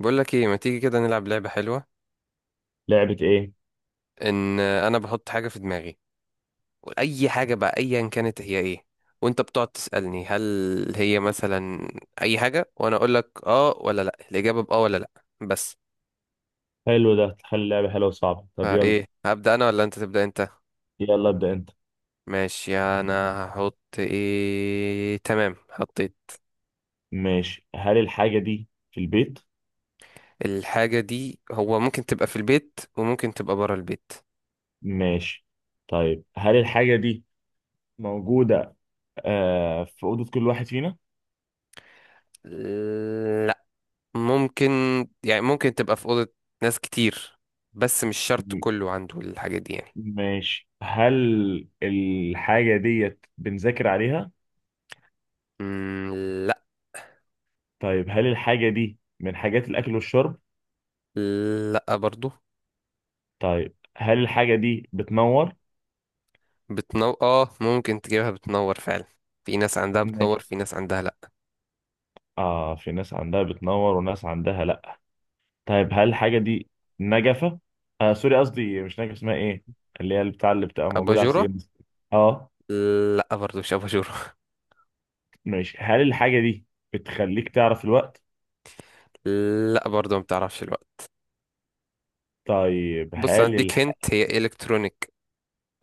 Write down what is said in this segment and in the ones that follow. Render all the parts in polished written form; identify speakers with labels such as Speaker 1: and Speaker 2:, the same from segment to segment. Speaker 1: بقول لك ايه، ما تيجي كده نلعب لعبة حلوة؟
Speaker 2: لعبة ايه؟
Speaker 1: ان انا بحط حاجة في دماغي، اي حاجة بقى، ايا كانت هي ايه. وانت بتقعد تسألني هل هي مثلا اي حاجة، وانا اقول لك اه ولا لا، الاجابة باه ولا لا بس.
Speaker 2: حلو، ده تخلي اللعبة حلوة وصعبة. طب يلا،
Speaker 1: فايه، هبدأ انا ولا انت تبدأ انت؟
Speaker 2: يلا ابدأ انت.
Speaker 1: ماشي، انا هحط ايه. تمام، حطيت.
Speaker 2: ماشي، هل الحاجة دي في البيت؟
Speaker 1: الحاجة دي هو ممكن تبقى في البيت وممكن تبقى برا البيت.
Speaker 2: ماشي. طيب هل الحاجة دي موجودة آه في أوضة كل واحد فينا؟
Speaker 1: ممكن، يعني ممكن تبقى في أوضة ناس كتير، بس مش شرط
Speaker 2: م-
Speaker 1: كله عنده الحاجات دي يعني.
Speaker 2: ماشي. هل الحاجة ديت بنذاكر عليها؟
Speaker 1: مم، لا.
Speaker 2: طيب هل الحاجة دي من حاجات الأكل والشرب؟
Speaker 1: لا برضو.
Speaker 2: طيب هل الحاجة دي بتنور؟
Speaker 1: بتنور اه ممكن تجيبها، بتنور فعلا. في ناس عندها بتنور
Speaker 2: ماشي.
Speaker 1: في ناس عندها لا.
Speaker 2: اه، في ناس عندها بتنور وناس عندها لا. طيب هل الحاجة دي نجفة؟ آه سوري، قصدي مش نجفة. اسمها ايه؟ اللي هي بتاع اللي بتبقى موجودة على
Speaker 1: أباجورة.
Speaker 2: السجاد. اه.
Speaker 1: لا برضو مش أباجورة.
Speaker 2: ماشي. هل الحاجة دي بتخليك تعرف الوقت؟
Speaker 1: لا برضو ما بتعرفش الوقت.
Speaker 2: طيب
Speaker 1: بص،
Speaker 2: هل
Speaker 1: هديك
Speaker 2: الح...
Speaker 1: هنت، هي إلكترونيك.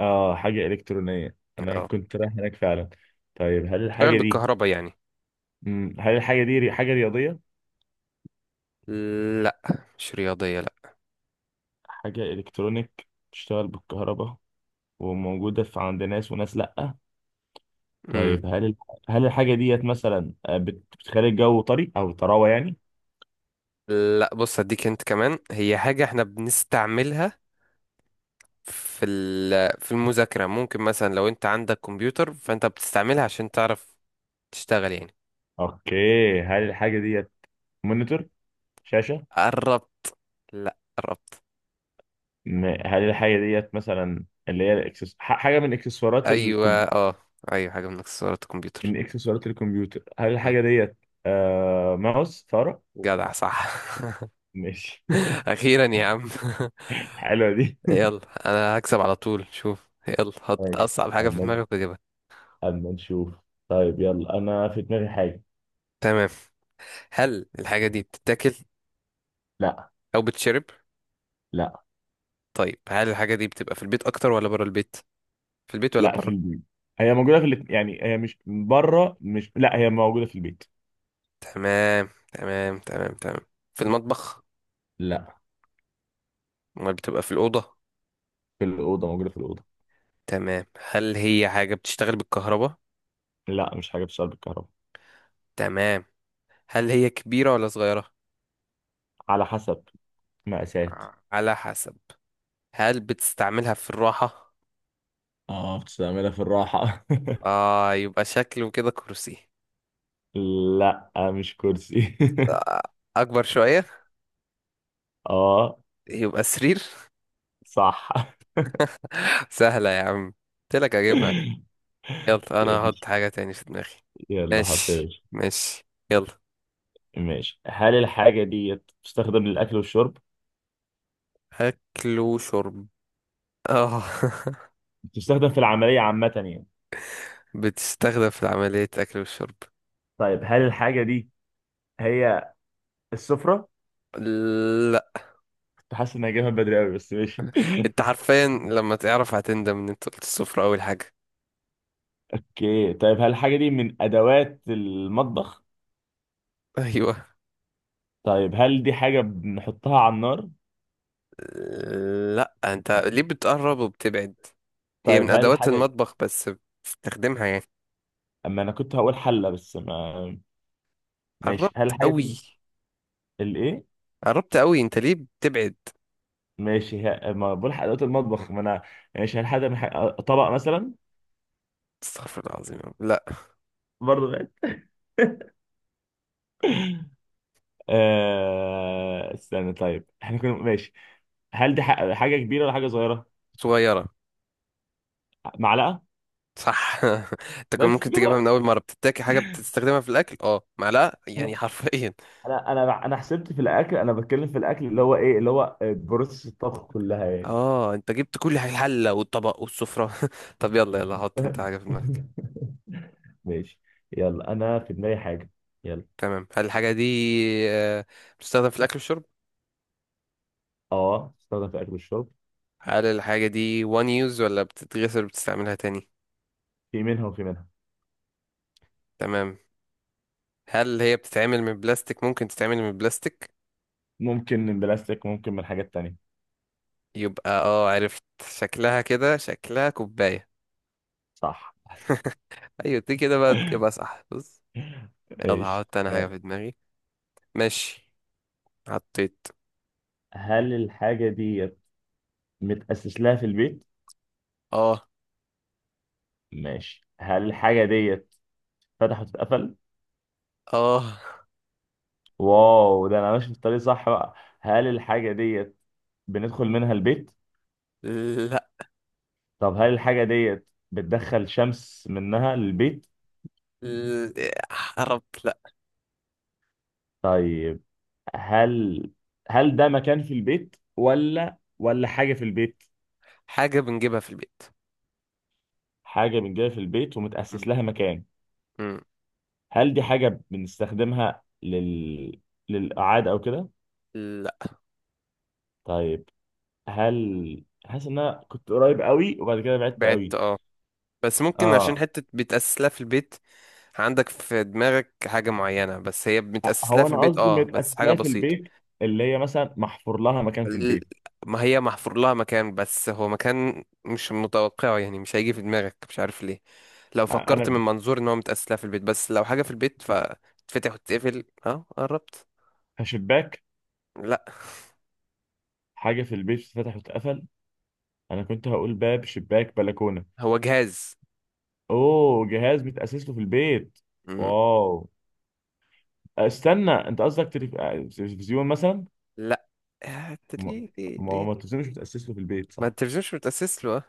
Speaker 2: اه، حاجة إلكترونية. أنا
Speaker 1: اه
Speaker 2: كنت رايح هناك فعلا. طيب هل
Speaker 1: بتشتغل
Speaker 2: الحاجة دي،
Speaker 1: بالكهرباء يعني.
Speaker 2: هل الحاجة دي حاجة رياضية؟
Speaker 1: لا مش رياضية لا.
Speaker 2: حاجة إلكترونيك بتشتغل بالكهرباء وموجودة في عند ناس وناس لأ.
Speaker 1: مم.
Speaker 2: طيب هل الحاجة ديت مثلا آه، بتخلي الجو طري أو طراوة يعني؟
Speaker 1: لا بص هديك هنت كمان، هي حاجة احنا بنستعملها في المذاكرة. ممكن مثلا لو انت عندك كمبيوتر، فانت بتستعملها عشان تعرف تشتغل يعني.
Speaker 2: اوكي. هل الحاجه ديت مونيتور، شاشه؟
Speaker 1: قربت. لا قربت.
Speaker 2: هل الحاجه ديت مثلا اللي هي حاجه من اكسسوارات
Speaker 1: ايوه اه، ايوه حاجة من اكسسوارات الكمبيوتر.
Speaker 2: من اكسسوارات الكمبيوتر. هل
Speaker 1: مم.
Speaker 2: الحاجه ديت آه... ماوس، فاره؟
Speaker 1: جدع صح.
Speaker 2: ماشي.
Speaker 1: اخيرا يا عم.
Speaker 2: حلوه دي.
Speaker 1: يلا انا هكسب على طول، شوف. يلا حط
Speaker 2: ماشي.
Speaker 1: اصعب حاجة في
Speaker 2: اما
Speaker 1: دماغك واجيبها.
Speaker 2: اما نشوف. طيب يلا، انا في دماغي حاجه.
Speaker 1: تمام، هل الحاجة دي بتتاكل
Speaker 2: لا.
Speaker 1: او بتشرب؟
Speaker 2: لا.
Speaker 1: طيب، هل الحاجة دي بتبقى في البيت اكتر ولا بره البيت؟ في البيت ولا
Speaker 2: لا، في
Speaker 1: بره؟
Speaker 2: البيت. هي موجوده في يعني هي مش بره، مش لا، هي موجوده في البيت.
Speaker 1: تمام تمام تمام تمام. في المطبخ؟
Speaker 2: لا،
Speaker 1: امال بتبقى في الأوضة؟
Speaker 2: في الاوضه، موجوده في الاوضه.
Speaker 1: تمام. هل هي حاجة بتشتغل بالكهرباء؟
Speaker 2: لا مش حاجه بتشتغل بالكهرباء.
Speaker 1: تمام. هل هي كبيرة ولا صغيرة؟
Speaker 2: على حسب مقاسات.
Speaker 1: على حسب. هل بتستعملها في الراحة؟
Speaker 2: اه بتستعملها في الراحة.
Speaker 1: آه، يبقى شكله كده كرسي.
Speaker 2: لا مش كرسي.
Speaker 1: آه، أكبر شوية.
Speaker 2: اه.
Speaker 1: يبقى سرير.
Speaker 2: صح.
Speaker 1: سهلة يا عم، قلتلك أجيبها. يلا أنا هحط حاجة تاني في دماغي.
Speaker 2: يلا حط يا
Speaker 1: ماشي
Speaker 2: باشا.
Speaker 1: ماشي. يلا.
Speaker 2: ماشي، هل الحاجة دي بتستخدم للأكل والشرب؟
Speaker 1: أكل وشرب، آه.
Speaker 2: بتستخدم في العملية عامة يعني.
Speaker 1: بتستخدم في عملية أكل
Speaker 2: طيب هل الحاجة دي هي السفرة؟
Speaker 1: والشرب.
Speaker 2: كنت حاسس إنها جايبها بدري أوي بس ماشي.
Speaker 1: انت حرفيا لما تعرف هتندم ان انت قلت الصفر اول حاجة.
Speaker 2: اوكي. طيب هل الحاجة دي من أدوات المطبخ؟
Speaker 1: ايوه.
Speaker 2: طيب هل دي حاجة بنحطها على النار؟
Speaker 1: لا انت ليه بتقرب وبتبعد؟ هي
Speaker 2: طيب
Speaker 1: من
Speaker 2: هل
Speaker 1: ادوات
Speaker 2: الحاجة.
Speaker 1: المطبخ بس بتستخدمها يعني.
Speaker 2: أما أنا كنت هقول حلة بس ما. ماشي
Speaker 1: قربت
Speaker 2: هل الحاجة
Speaker 1: قوي.
Speaker 2: دي الايه؟
Speaker 1: قربت قوي، انت ليه بتبعد؟
Speaker 2: ماشي. ما بلحق ادوات المطبخ ما انا. ماشي، هل من طبق مثلا؟
Speaker 1: استغفر الله العظيم يا رب. لا.
Speaker 2: برضه غالي. آه... استنى، طيب احنا كنا ماشي. هل دي حاجه كبيره ولا حاجه صغيره؟
Speaker 1: صغيرة.
Speaker 2: معلقه.
Speaker 1: صح. انت كان
Speaker 2: بس
Speaker 1: ممكن تجيبها
Speaker 2: كده.
Speaker 1: من اول مرة، بتتاكل حاجة بتستخدمها في الاكل، اه معلقة يعني
Speaker 2: انا
Speaker 1: حرفيا.
Speaker 2: انا انا أنا حسبت في الاكل، انا بتكلم في الاكل اللي هو ايه، اللي هو بروسس الطبخ كلها يعني.
Speaker 1: اه انت جبت كل حاجة، الحلة والطبق والسفرة. طب يلا، يلا حط انت حاجة في دماغك.
Speaker 2: ماشي. يلا انا في دماغي حاجه. يلا.
Speaker 1: تمام، هل الحاجة دي آه، بتستخدم في الاكل والشرب؟
Speaker 2: اه، تستخدم في الاكل والشرب.
Speaker 1: هل الحاجة دي one use ولا بتتغسل وبتستعملها تاني؟
Speaker 2: في منها وفي منها.
Speaker 1: تمام. هل هي بتتعمل من بلاستيك؟ ممكن تتعمل من بلاستيك.
Speaker 2: ممكن من بلاستيك، ممكن من حاجات تانية.
Speaker 1: يبقى عرفت شكلها، كده شكلها كوباية.
Speaker 2: صح.
Speaker 1: ايوه دي كده بقى تجيبها صح، بص. يلا
Speaker 2: ايش
Speaker 1: هحط انا حاجة
Speaker 2: يلا.
Speaker 1: في دماغي. ماشي، حطيت.
Speaker 2: هل الحاجة دي متأسس لها في البيت؟
Speaker 1: اه.
Speaker 2: ماشي، هل الحاجة دي فتح وتتقفل؟
Speaker 1: اه.
Speaker 2: واو، ده أنا ماشي في الطريق صح بقى. هل الحاجة دي بندخل منها البيت؟
Speaker 1: لا.
Speaker 2: طب هل الحاجة دي بتدخل شمس منها للبيت؟
Speaker 1: ل- حرب لا.
Speaker 2: طيب هل، هل ده مكان في البيت ولا حاجة في البيت؟
Speaker 1: حاجة بنجيبها في البيت.
Speaker 2: حاجة بنجيبها في البيت ومتأسس
Speaker 1: مم.
Speaker 2: لها مكان.
Speaker 1: مم.
Speaker 2: هل دي حاجة بنستخدمها لل للإعادة أو كده؟
Speaker 1: لا.
Speaker 2: طيب هل حاسس ان انا كنت قريب قوي وبعد كده بعدت
Speaker 1: بعدت
Speaker 2: قوي.
Speaker 1: اه، بس ممكن عشان
Speaker 2: اه.
Speaker 1: حتة بيتأسس لها في البيت. عندك في دماغك حاجة معينة بس هي متأسس لها
Speaker 2: هو
Speaker 1: في
Speaker 2: انا
Speaker 1: البيت،
Speaker 2: قصدي
Speaker 1: اه بس
Speaker 2: متاسس
Speaker 1: حاجة
Speaker 2: لها في
Speaker 1: بسيطة.
Speaker 2: البيت، اللي هي مثلا محفور لها مكان في
Speaker 1: ال-
Speaker 2: البيت.
Speaker 1: ما هي محفور لها مكان، بس هو مكان مش متوقعه، يعني مش هيجي في دماغك مش عارف ليه. لو فكرت من
Speaker 2: انا
Speaker 1: منظور ان هو متأسس لها في البيت، بس لو حاجة في البيت فتتفتح وتتقفل، اه قربت.
Speaker 2: كشباك،
Speaker 1: لا.
Speaker 2: حاجه في البيت اتفتح واتقفل. انا كنت هقول باب، شباك، بلكونه.
Speaker 1: هو جهاز.
Speaker 2: اوه، جهاز متاسس له في البيت.
Speaker 1: مم.
Speaker 2: واو. استنى، انت قصدك تلفزيون مثلا.
Speaker 1: لا. آه،
Speaker 2: ما
Speaker 1: ليه ليه
Speaker 2: ما هو
Speaker 1: ليه؟
Speaker 2: التلفزيون مش متاسس له في البيت
Speaker 1: ما
Speaker 2: صح.
Speaker 1: التلفزيون مش متأسس له آه.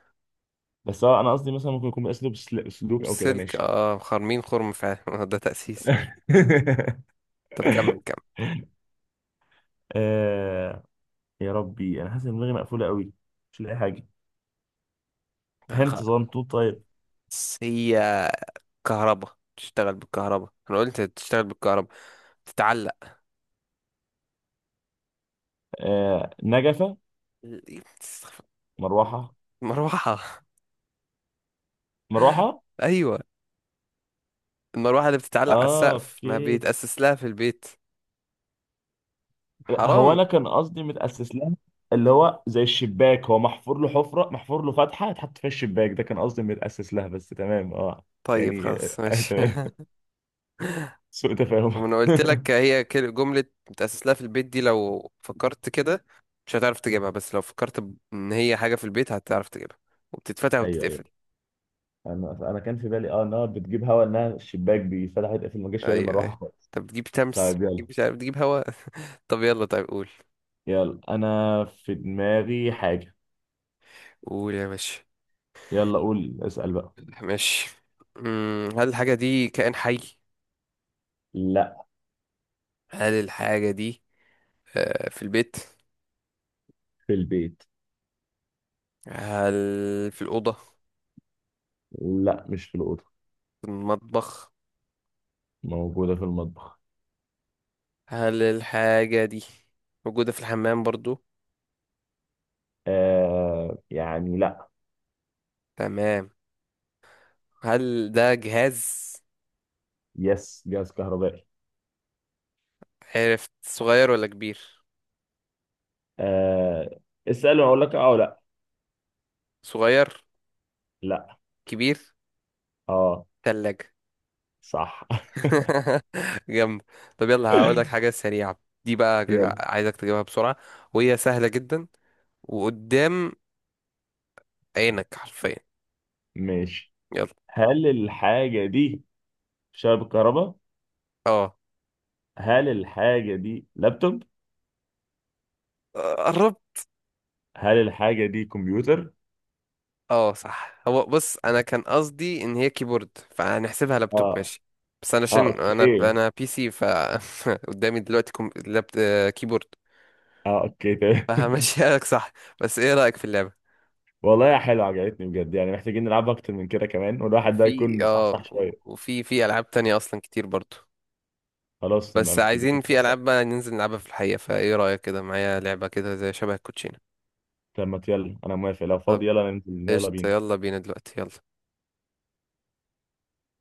Speaker 2: بس هو انا قصدي مثلا ممكن يكون متاسس له بالسلوك او كده
Speaker 1: السلك
Speaker 2: ماشي.
Speaker 1: خرمين، خرم فعلا. ده تأسيس. طب كمل كمل.
Speaker 2: آه. يا ربي، انا حاسس ان دماغي مقفوله قوي، مش لاقي حاجه.
Speaker 1: آه،
Speaker 2: هنت
Speaker 1: خلاص.
Speaker 2: صغنطوط طيب.
Speaker 1: هي كهرباء، تشتغل بالكهرباء انا قلت، تشتغل بالكهرباء، تتعلق.
Speaker 2: آه نجفه، مروحه.
Speaker 1: مروحة.
Speaker 2: مروحه.
Speaker 1: ايوه. المروحة اللي بتتعلق على
Speaker 2: اه
Speaker 1: السقف ما
Speaker 2: اوكي.
Speaker 1: بيتأسس لها في البيت.
Speaker 2: لا، هو
Speaker 1: حرام.
Speaker 2: انا كان قصدي متاسس لها، اللي هو زي الشباك هو محفور له حفره، محفور له فتحه اتحط فيها الشباك. ده كان قصدي متاسس لها بس تمام اه.
Speaker 1: طيب
Speaker 2: يعني
Speaker 1: خلاص
Speaker 2: آه
Speaker 1: ماشي.
Speaker 2: تمام. سوء تفاهم.
Speaker 1: وانا قلت لك هي جملة بتأسس لها في البيت دي، لو فكرت كده مش هتعرف تجيبها، بس لو فكرت ان هي حاجة في البيت هتعرف تجيبها، وبتتفتح
Speaker 2: ايوه ايوه.
Speaker 1: وبتتقفل.
Speaker 2: انا كان في بالي اه انها بتجيب هوا، انها الشباك بيفتح يتقفل. ما جاش في بالي
Speaker 1: ايوه
Speaker 2: مروحه
Speaker 1: ايوه.
Speaker 2: خالص.
Speaker 1: طب بتجيب شمس،
Speaker 2: طيب يلا.
Speaker 1: بتجيب مش عارف، بتجيب هواء. طب يلا، طيب قول.
Speaker 2: يلا انا في دماغي حاجة.
Speaker 1: قول يا باشا.
Speaker 2: يلا قول، اسأل بقى.
Speaker 1: ماشي. هل الحاجة دي كائن حي؟
Speaker 2: لا.
Speaker 1: هل الحاجة دي في البيت؟
Speaker 2: في البيت.
Speaker 1: هل في الأوضة؟
Speaker 2: لا مش في الأوضة.
Speaker 1: في المطبخ؟
Speaker 2: موجودة في المطبخ.
Speaker 1: هل الحاجة دي موجودة في الحمام برضو؟
Speaker 2: آه يعني لا.
Speaker 1: تمام. هل ده جهاز؟
Speaker 2: يس، جهاز كهربائي.
Speaker 1: عرفت. صغير ولا كبير؟
Speaker 2: آه، اسأل واقول لك اه ولا لا.
Speaker 1: صغير.
Speaker 2: لا.
Speaker 1: كبير.
Speaker 2: اه.
Speaker 1: تلاجة.
Speaker 2: صح.
Speaker 1: جامد. طب يلا هقول لك حاجة سريعة دي بقى،
Speaker 2: يلا.
Speaker 1: عايزك تجيبها بسرعة، وهي سهلة جدا وقدام عينك حرفيا.
Speaker 2: ماشي،
Speaker 1: يلا.
Speaker 2: هل الحاجة دي شبكة كهرباء؟
Speaker 1: اه.
Speaker 2: هل الحاجة دي لابتوب؟
Speaker 1: آه، قربت.
Speaker 2: هل الحاجة دي كمبيوتر؟
Speaker 1: اه صح. هو بص انا كان قصدي ان هي كيبورد، فهنحسبها لابتوب
Speaker 2: اه.
Speaker 1: ماشي. بس انا عشان
Speaker 2: اه
Speaker 1: انا
Speaker 2: اوكي.
Speaker 1: انا بي سي قدامي دلوقتي كيبورد،
Speaker 2: اه اوكي.
Speaker 1: فهمشيها لك. صح. بس ايه رأيك في اللعبة؟
Speaker 2: والله يا حلو عجبتني بجد، يعني محتاجين نلعب اكتر من كده كمان والواحد ده
Speaker 1: وفي
Speaker 2: يكون
Speaker 1: اه
Speaker 2: مصحصح شويه.
Speaker 1: وفي في العاب تانية اصلا كتير برضو.
Speaker 2: خلاص نبقى
Speaker 1: بس
Speaker 2: محتاجين
Speaker 1: عايزين في
Speaker 2: نتفق.
Speaker 1: العاب بقى ننزل نلعبها في الحقيقة، فايه رأيك كده معايا لعبة كده زي شبه الكوتشينة؟
Speaker 2: طب ما يلا انا موافق، لو
Speaker 1: طب
Speaker 2: فاضي يلا ننزل يلا
Speaker 1: قشطة،
Speaker 2: بينا.
Speaker 1: يلا بينا دلوقتي يلا.